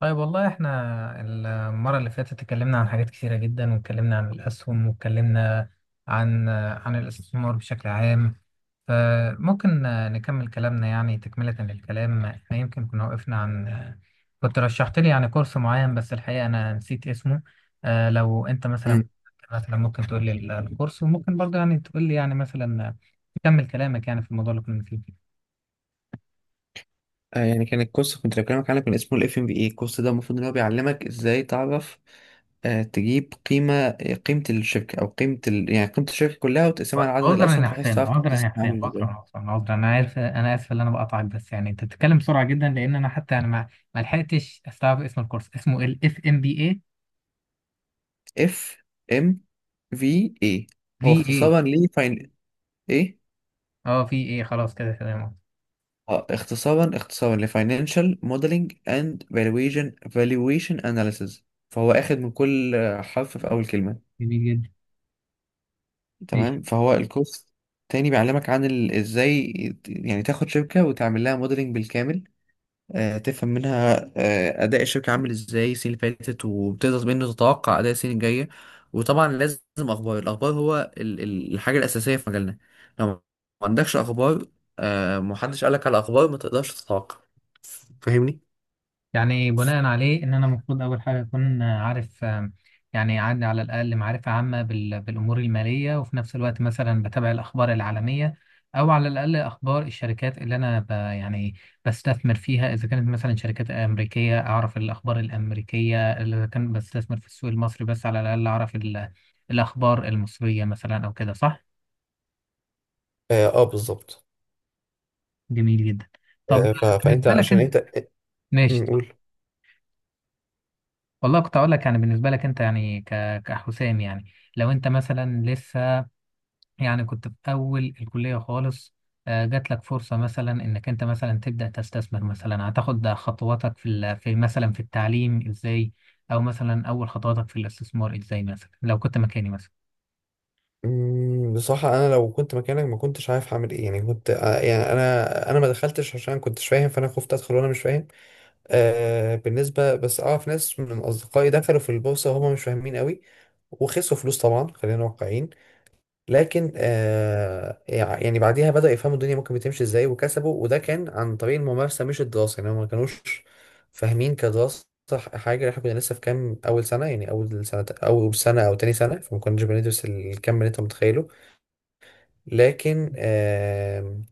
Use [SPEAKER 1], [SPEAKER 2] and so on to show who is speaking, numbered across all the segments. [SPEAKER 1] طيب، والله احنا المرة اللي فاتت اتكلمنا عن حاجات كثيرة جدا، واتكلمنا عن الأسهم، واتكلمنا عن الاستثمار بشكل عام. فممكن نكمل كلامنا، يعني تكملة للكلام. احنا يمكن كنا وقفنا كنت رشحت لي يعني كورس معين، بس الحقيقة أنا نسيت اسمه. لو أنت مثلا
[SPEAKER 2] مم.
[SPEAKER 1] ممكن تقول لي الكورس، وممكن برضه يعني تقول لي يعني مثلا تكمل كلامك يعني في الموضوع اللي كنا فيه.
[SPEAKER 2] آه، يعني كان الكورس كنت بكلمك عنه كان اسمه الاف ام بي اي. الكورس ده المفروض ان هو بيعلمك ازاي تعرف، تجيب قيمه، قيمه الشركه او قيمه يعني قيمه الشركه كلها وتقسمها لعدد
[SPEAKER 1] عذرا
[SPEAKER 2] الاسهم
[SPEAKER 1] يا
[SPEAKER 2] بحيث
[SPEAKER 1] حسام،
[SPEAKER 2] تعرف قيمه
[SPEAKER 1] عذرا يا
[SPEAKER 2] السهم
[SPEAKER 1] حسام،
[SPEAKER 2] عامله
[SPEAKER 1] عذرا،
[SPEAKER 2] ازاي.
[SPEAKER 1] عذرا، عذرا، انا عارف، انا اسف ان انا بقطعك، بس يعني انت بتتكلم بسرعه جدا، لان انا حتى انا ما لحقتش استوعب اسم الكورس. اسمه ال اف ام بي اي؟
[SPEAKER 2] اف ام في اي هو
[SPEAKER 1] في اي.
[SPEAKER 2] اختصارا ل فاين ايه.
[SPEAKER 1] اه، في اي، خلاص كده تمام.
[SPEAKER 2] اه، اختصارا لفاينانشال موديلنج اند فالويشن اناليسيز. فهو اخد من كل حرف في اول كلمه.
[SPEAKER 1] جميل جدا.
[SPEAKER 2] تمام، فهو الكورس تاني بيعلمك ازاي يعني تاخد شركة وتعمل لها موديلنج بالكامل. تفهم منها أداء الشركة عامل ازاي السنة اللي فاتت، وبتقدر منه تتوقع أداء السنة الجاية. وطبعا لازم أخبار. الأخبار هو الحاجة الأساسية في مجالنا. لو ما عندكش أخبار، محدش قالك على أخبار، ما تقدرش تتوقع. فاهمني؟
[SPEAKER 1] يعني بناء عليه ان انا المفروض اول حاجه اكون عارف، يعني عندي على الاقل معرفه عامه بالامور الماليه، وفي نفس الوقت مثلا بتابع الاخبار العالميه، او على الاقل اخبار الشركات اللي انا يعني بستثمر فيها. اذا كانت مثلا شركات امريكيه اعرف الاخبار الامريكيه، اذا كان بستثمر في السوق المصري بس على الاقل اعرف الاخبار المصريه مثلا، او كده صح؟
[SPEAKER 2] اه، بالظبط.
[SPEAKER 1] جميل جدا. طب
[SPEAKER 2] آه، ف- فانت
[SPEAKER 1] بالنسبه لك
[SPEAKER 2] عشان
[SPEAKER 1] انت،
[SPEAKER 2] انت
[SPEAKER 1] ماشي.
[SPEAKER 2] قول.
[SPEAKER 1] والله كنت اقول لك يعني بالنسبه لك انت، يعني كحسام يعني، لو انت مثلا لسه يعني كنت في اول الكليه خالص، جات لك فرصه مثلا انك انت مثلا تبدا تستثمر، مثلا هتاخد خطواتك في في مثلا في التعليم ازاي، او مثلا اول خطواتك في الاستثمار ازاي، مثلا لو كنت مكاني مثلا.
[SPEAKER 2] بصراحة أنا لو كنت مكانك ما كنتش عارف هعمل إيه. يعني كنت، يعني أنا ما دخلتش عشان ما كنتش فاهم، فأنا خفت أدخل وأنا مش فاهم. بالنسبة، بس أعرف ناس من أصدقائي دخلوا في البورصة وهم مش فاهمين قوي، وخسروا فلوس. طبعا خلينا واقعيين. لكن يعني بعديها بدأوا يفهموا الدنيا ممكن بتمشي إزاي، وكسبوا. وده كان عن طريق الممارسة مش الدراسة. يعني هم ما كانوش فاهمين كدراسة حاجة. احنا كنا لسه في كام أول سنة، يعني أول سنة أو تاني سنة، فما كناش بندرس الكم اللي أنت متخيله. لكن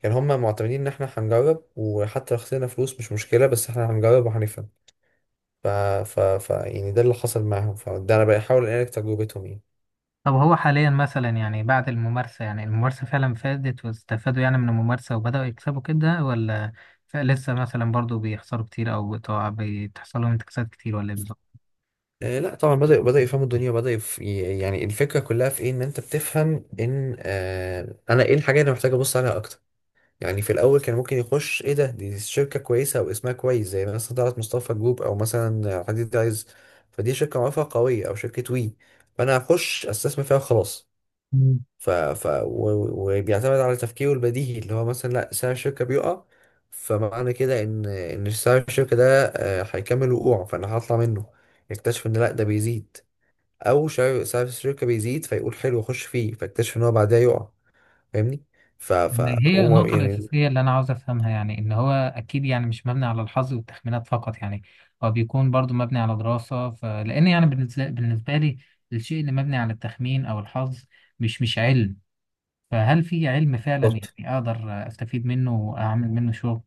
[SPEAKER 2] كان هما معتمدين ان احنا هنجرب، وحتى لو خسرنا فلوس مش مشكله، بس احنا هنجرب وهنفهم. ف... ف... ف يعني ده اللي حصل معاهم، فده انا بحاول انقل تجربتهم يعني.
[SPEAKER 1] طب هو حاليا مثلا يعني بعد الممارسه، يعني الممارسه فعلا فادت واستفادوا يعني من الممارسه وبداوا يكسبوا كده، ولا لسه مثلا برضو بيخسروا كتير، او بتحصل لهم انتكاسات كتير، ولا ايه بالظبط؟
[SPEAKER 2] آه لا، طبعا بدأوا يفهموا الدنيا. وبدأ يعني الفكرة كلها في ايه. ان انت بتفهم ان انا ايه الحاجة اللي محتاج ابص عليها اكتر. يعني في الاول كان ممكن يخش. ايه ده؟ دي شركة كويسة او اسمها كويس، زي مثلا طلعت مصطفى جروب، او مثلا حديد عايز. فدي شركة معروفة قوية، او شركة وي، فانا هخش استثمر فيها وخلاص. وبيعتمد على تفكيره البديهي اللي هو مثلا، لا سعر الشركة بيقع، فمعنى كده ان سعر الشركة ده، هيكمل وقوعه، فانا هطلع منه. يكتشف ان لا، ده بيزيد. او سعر الشركة بيزيد، فيقول حلو اخش فيه، فاكتشف ان هو بعدها يقع. فاهمني؟
[SPEAKER 1] هي النقطة
[SPEAKER 2] يعني
[SPEAKER 1] الأساسية اللي أنا عاوز أفهمها، يعني إن هو أكيد يعني مش مبني على الحظ والتخمينات فقط، يعني هو بيكون برضو مبني على دراسة. فلأن يعني بالنسبة لي الشيء اللي مبني على التخمين أو الحظ مش علم. فهل في علم فعلا
[SPEAKER 2] بالظبط.
[SPEAKER 1] يعني أقدر أستفيد منه وأعمل منه شغل؟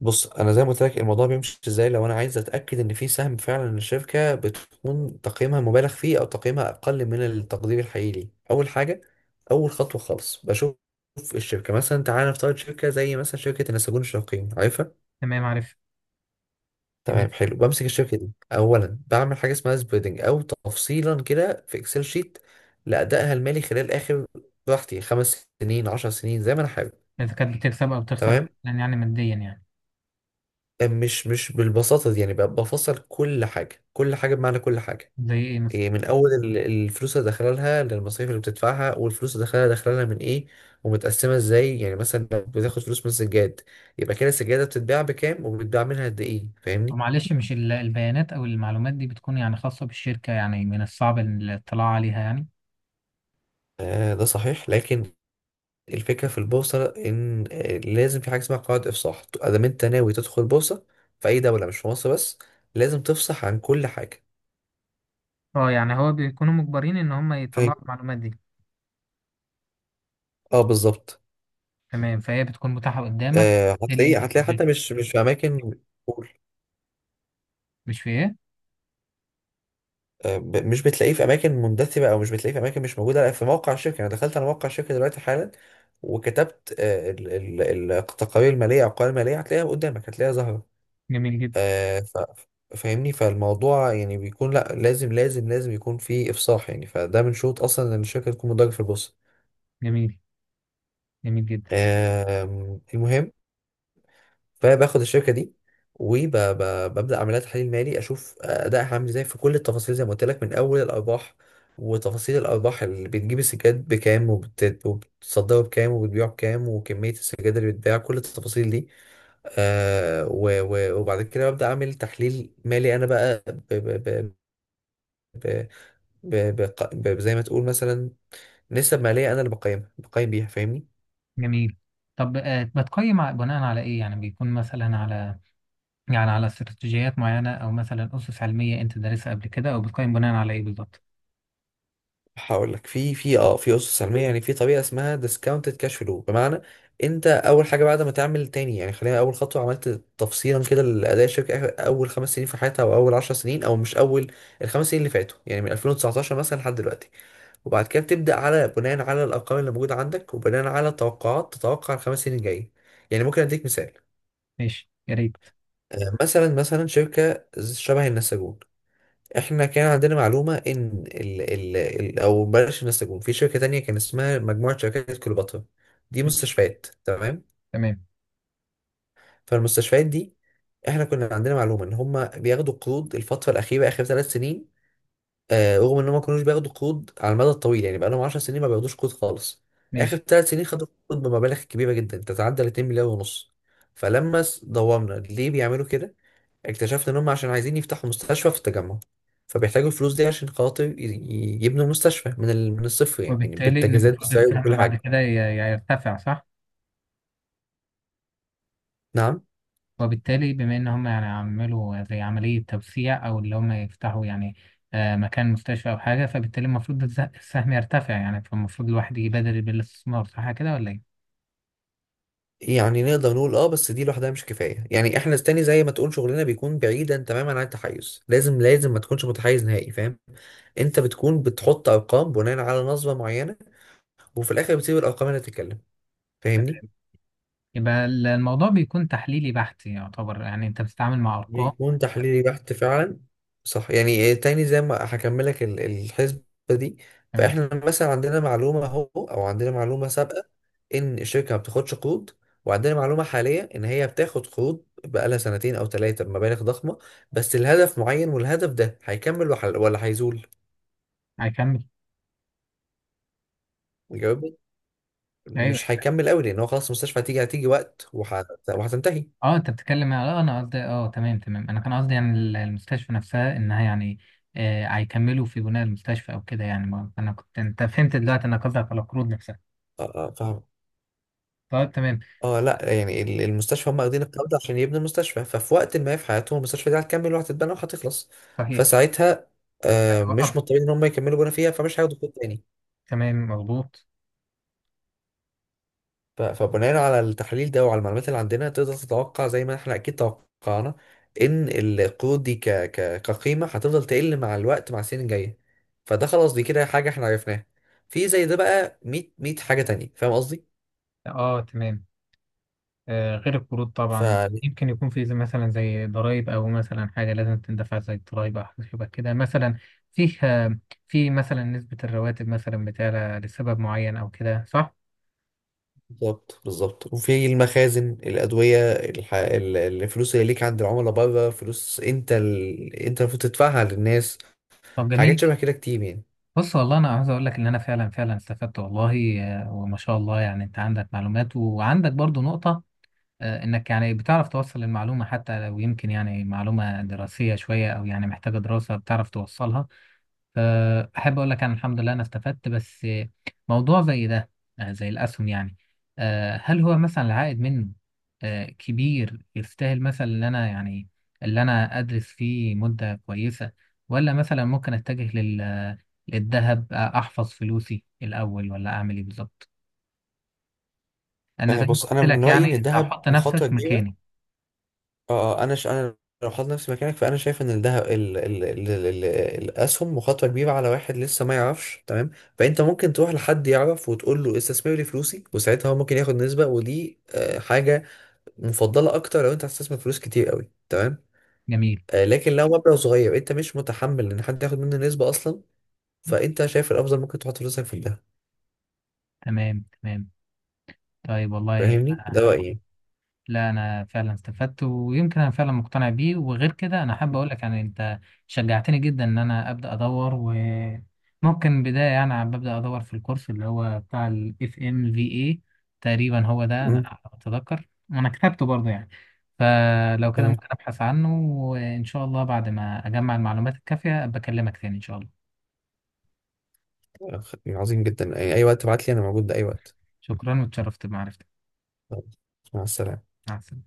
[SPEAKER 2] بص، انا زي ما قلت لك الموضوع بيمشي ازاي. لو انا عايز اتاكد ان في سهم فعلا الشركه بتكون تقييمها مبالغ فيه او تقييمها اقل من التقدير الحقيقي ليه، اول حاجه، اول خطوه خالص، بشوف الشركه. مثلا تعالى نفترض شركه زي مثلا شركه النساجون الشرقية، عارفها؟
[SPEAKER 1] تمام، عارف. جميل.
[SPEAKER 2] تمام، حلو. بمسك الشركه دي اولا، بعمل حاجه اسمها سبريدنج، او تفصيلا كده في اكسل شيت لادائها المالي خلال اخر، براحتي، 5 سنين، 10 سنين، زي ما انا حابب.
[SPEAKER 1] إذا كانت بتكسب أو بتخسر،
[SPEAKER 2] تمام.
[SPEAKER 1] مثلاً يعني ماديا يعني.
[SPEAKER 2] مش بالبساطة دي، يعني بقى بفصل كل حاجة، كل حاجة بمعنى كل حاجة.
[SPEAKER 1] زي إيه مثلا؟
[SPEAKER 2] إيه، من أول الفلوس اللي داخلة لها، للمصاريف اللي بتدفعها، والفلوس اللي داخلة لها من إيه، ومتقسمة إزاي. يعني مثلا لو بتاخد فلوس من سجاد، يبقى كده السجادة بتتباع بكام، وبتتباع منها قد إيه. فاهمني؟
[SPEAKER 1] معلش، مش البيانات أو المعلومات دي بتكون يعني خاصة بالشركة، يعني من الصعب الاطلاع عليها يعني؟
[SPEAKER 2] آه، ده صحيح. لكن الفكرة في البورصة إن، لازم في حاجة اسمها قواعد إفصاح. أدام أنت ناوي تدخل بورصة في أي دولة، مش في مصر بس، لازم تفصح عن كل حاجة.
[SPEAKER 1] اه، يعني هو بيكونوا مجبرين ان هم
[SPEAKER 2] فاهم؟
[SPEAKER 1] يطلعوا المعلومات دي؟
[SPEAKER 2] اه، بالظبط.
[SPEAKER 1] تمام، فهي بتكون متاحة قدامك. إيه اللي
[SPEAKER 2] هتلاقيه
[SPEAKER 1] انت
[SPEAKER 2] هتلاقيه حتى،
[SPEAKER 1] بتدرسه؟
[SPEAKER 2] مش في اماكن. قول.
[SPEAKER 1] مش في ايه؟
[SPEAKER 2] مش بتلاقيه في اماكن مندثره، او مش بتلاقيه في اماكن مش موجوده. لا، في موقع الشركه. انا دخلت على موقع الشركه دلوقتي حالا، وكتبت، التقارير الماليه او القوائم الماليه، هتلاقيها قدامك، هتلاقيها ظاهره.
[SPEAKER 1] جميل جدا.
[SPEAKER 2] آه، ف- فاهمني. فالموضوع يعني بيكون، لا، لازم لازم لازم يكون في افصاح. يعني فده من شروط اصلا ان الشركه تكون مدرجه في البورصه.
[SPEAKER 1] جميل. جميل جدا.
[SPEAKER 2] المهم، فباخد الشركه دي وببدا اعمل لها تحليل مالي، اشوف ادائها عامل ازاي في كل التفاصيل، زي ما قلت لك، من اول الارباح وتفاصيل الارباح، اللي بتجيب السجاد بكام وبتصدره بكام وبتبيعه بكام، وكميه السجاد اللي بتباع، كل التفاصيل دي. وبعد كده ببدا اعمل تحليل مالي انا، بقى، ب ب ب ب ب ب ب زي ما تقول مثلا نسب ماليه، انا اللي بقيمها، بقيم بيها. فاهمني؟
[SPEAKER 1] جميل. طب بتقيم بناء على ايه؟ يعني بيكون مثلا على، يعني على استراتيجيات معينة، او مثلا اسس علمية انت دارسها قبل كده، او بتقيم بناء على ايه بالظبط؟
[SPEAKER 2] هقول لك. في اسس سلميه. يعني في طريقه اسمها ديسكاونتد كاش فلو، بمعنى، انت اول حاجه بعد ما تعمل، تاني يعني، خلينا اول خطوه، عملت تفصيلا كده لاداء الشركه اول 5 سنين في حياتها، او اول 10 سنين، او مش اول، الخمس سنين اللي فاتوا يعني، من 2019 مثلا لحد دلوقتي. وبعد كده بتبدا بناء على الارقام اللي موجوده عندك، وبناء على توقعات، تتوقع الخمس سنين الجايه. يعني ممكن اديك مثال.
[SPEAKER 1] ماشي، يا ريت.
[SPEAKER 2] مثلا شركه شبه النساجون. احنا كان عندنا معلومة ان ال ال ال او بلاش النساجون، في شركة تانية كان اسمها مجموعة شركات كليوباترا، دي
[SPEAKER 1] ماشي.
[SPEAKER 2] مستشفيات، تمام.
[SPEAKER 1] تمام.
[SPEAKER 2] فالمستشفيات دي، احنا كنا عندنا معلومة ان هم بياخدوا قروض الفترة الأخيرة، آخر 3 سنين. رغم ان هم ما كانوش بياخدوا قروض على المدى الطويل، يعني بقالهم 10 سنين ما بياخدوش قروض خالص. آخر
[SPEAKER 1] ماشي.
[SPEAKER 2] 3 سنين خدوا قروض بمبالغ كبيرة جدا، تتعدى ال 2 مليار ونص. فلما دورنا ليه بيعملوا كده، اكتشفت ان هم عشان عايزين يفتحوا مستشفى في التجمع. فبيحتاجوا الفلوس دي عشان خاطر يبنوا مستشفى من الصفر، يعني
[SPEAKER 1] وبالتالي ان
[SPEAKER 2] بالتجهيزات،
[SPEAKER 1] المفروض
[SPEAKER 2] بالسعر،
[SPEAKER 1] السهم
[SPEAKER 2] بكل
[SPEAKER 1] بعد
[SPEAKER 2] حاجه.
[SPEAKER 1] كده يرتفع، صح؟
[SPEAKER 2] نعم.
[SPEAKER 1] وبالتالي بما ان هم يعني عملوا زي عملية توسيع، او اللي هم يفتحوا يعني مكان مستشفى او حاجة، فبالتالي المفروض السهم يرتفع يعني، فالمفروض الواحد يبادر بالاستثمار، صح كده ولا ايه؟
[SPEAKER 2] يعني نقدر نقول اه، بس دي لوحدها مش كفايه. يعني احنا تاني، زي ما تقول، شغلنا بيكون بعيدا تماما عن التحيز، لازم لازم ما تكونش متحيز نهائي، فاهم؟ انت بتكون بتحط ارقام بناء على نظره معينه، وفي الاخر بتسيب الارقام اللي تتكلم. فاهمني؟
[SPEAKER 1] يبقى الموضوع بيكون تحليلي بحت يعتبر، يعني انت بتتعامل مع ارقام.
[SPEAKER 2] بيكون تحليلي بحت فعلا. صح، يعني إيه، تاني زي ما هكملك الحسبة دي.
[SPEAKER 1] تمام.
[SPEAKER 2] فاحنا مثلا عندنا معلومة سابقة ان الشركة ما بتاخدش قروض، وعندنا معلومة حالية ان هي بتاخد قروض بقالها سنتين او ثلاثة بمبالغ ضخمة. بس الهدف معين، والهدف ده هيكمل ولا هيزول.
[SPEAKER 1] هيكمل.
[SPEAKER 2] جاوبني.
[SPEAKER 1] ايوه.
[SPEAKER 2] مش هيكمل قوي، لان هو خلاص المستشفى، هتيجي وقت وهتنتهي.
[SPEAKER 1] اه، انت بتتكلم. اه، انا قصدي، اه تمام، تمام، انا كان قصدي يعني المستشفى نفسها، انها يعني هيكملوا في بناء المستشفى او كده يعني. انا كنت انت فهمت دلوقتي، انا قصدك على القروض نفسها.
[SPEAKER 2] آه، آه، فاهم.
[SPEAKER 1] طيب تمام.
[SPEAKER 2] اه لا، يعني المستشفى هم واخدين القرض عشان يبنوا المستشفى، ففي وقت ما في حياتهم المستشفى دي هتكمل وهتتبنى وهتخلص.
[SPEAKER 1] صحيح.
[SPEAKER 2] فساعتها مش
[SPEAKER 1] وقفت.
[SPEAKER 2] مضطرين ان هم يكملوا بنا فيها، فمش هياخدوا كود تاني.
[SPEAKER 1] تمام مظبوط.
[SPEAKER 2] فبناء على التحليل ده وعلى المعلومات اللي عندنا، تقدر تتوقع، زي ما احنا اكيد توقعنا، ان القروض دي ك ك كقيمة هتفضل تقل مع الوقت، مع السنين الجاية. فده خلاص، دي كده حاجة احنا عرفناها. في زي ده بقى 100، 100 حاجة تانية. فاهم قصدي؟
[SPEAKER 1] اه تمام. غير القروض طبعا يمكن يكون في مثلا زي ضرائب، او مثلا حاجه لازم تندفع زي الضرائب، او حاجه شبه كده مثلا فيها. في مثلا نسبه الرواتب مثلا بتعلى لسبب معين، او كده صح؟
[SPEAKER 2] بالظبط بالظبط. وفي المخازن، الأدوية، الفلوس اللي ليك عند العملاء بره، فلوس انت انت المفروض تدفعها للناس،
[SPEAKER 1] طب
[SPEAKER 2] حاجات
[SPEAKER 1] جميل.
[SPEAKER 2] شبه كده كتير يعني.
[SPEAKER 1] بص، والله انا عاوز اقول لك ان انا فعلا فعلا استفدت والله، وما شاء الله. يعني انت عندك معلومات وعندك برضو نقطه، انك يعني بتعرف توصل المعلومه، حتى لو يمكن يعني معلومه دراسيه شويه او يعني محتاجه دراسه بتعرف توصلها. فأحب أقول لك أنا الحمد لله أنا استفدت. بس موضوع زي ده، زي الأسهم يعني، هل هو مثلا العائد منه كبير، يستاهل مثلا إن أنا يعني اللي أنا أدرس فيه مدة كويسة؟ ولا مثلا ممكن أتجه للذهب، أحفظ فلوسي الأول؟ ولا أعمل إيه بالظبط؟ أنا
[SPEAKER 2] آه،
[SPEAKER 1] زي ما
[SPEAKER 2] بص، انا
[SPEAKER 1] قلت
[SPEAKER 2] من
[SPEAKER 1] لك
[SPEAKER 2] رأيي ان
[SPEAKER 1] يعني، أنت
[SPEAKER 2] الذهب
[SPEAKER 1] هحط
[SPEAKER 2] مخاطرة
[SPEAKER 1] نفسك مكاني.
[SPEAKER 2] كبيرة. انا انا لو حاطط نفسي مكانك، فانا شايف ان الذهب الاسهم مخاطرة كبيرة على واحد لسه ما يعرفش، تمام؟ فانت ممكن تروح لحد يعرف وتقول له استثمر لي فلوسي، وساعتها هو ممكن ياخد نسبة، ودي حاجة مفضلة اكتر لو انت هتستثمر فلوس كتير قوي. تمام.
[SPEAKER 1] جميل.
[SPEAKER 2] لكن لو مبلغ صغير انت مش متحمل ان حد ياخد منه نسبة اصلا، فانت شايف الافضل ممكن تحط فلوسك في الذهب.
[SPEAKER 1] تمام، تمام. طيب، والله
[SPEAKER 2] فاهمني؟ ده
[SPEAKER 1] أحب.
[SPEAKER 2] رأيي.
[SPEAKER 1] لا، انا فعلا استفدت، ويمكن انا فعلا مقتنع بيه، وغير كده انا حابب اقول لك يعني انت شجعتني جدا ان انا ابدا ادور. وممكن بدايه يعني عم ببدا ادور في الكورس اللي هو بتاع الاف ام في اي. تقريبا هو ده،
[SPEAKER 2] امم
[SPEAKER 1] انا اتذكر انا كتبته برضه يعني. فلو كده
[SPEAKER 2] تمام.
[SPEAKER 1] ممكن ابحث عنه، وان شاء الله بعد ما اجمع المعلومات الكافيه ابقى اكلمك تاني ان شاء الله.
[SPEAKER 2] عظيم جدا. اي وقت تبعت لي انا موجود ده، اي وقت.
[SPEAKER 1] شكرا، واتشرفت بمعرفتك.
[SPEAKER 2] خلاص، مع السلامة.
[SPEAKER 1] مع السلامه.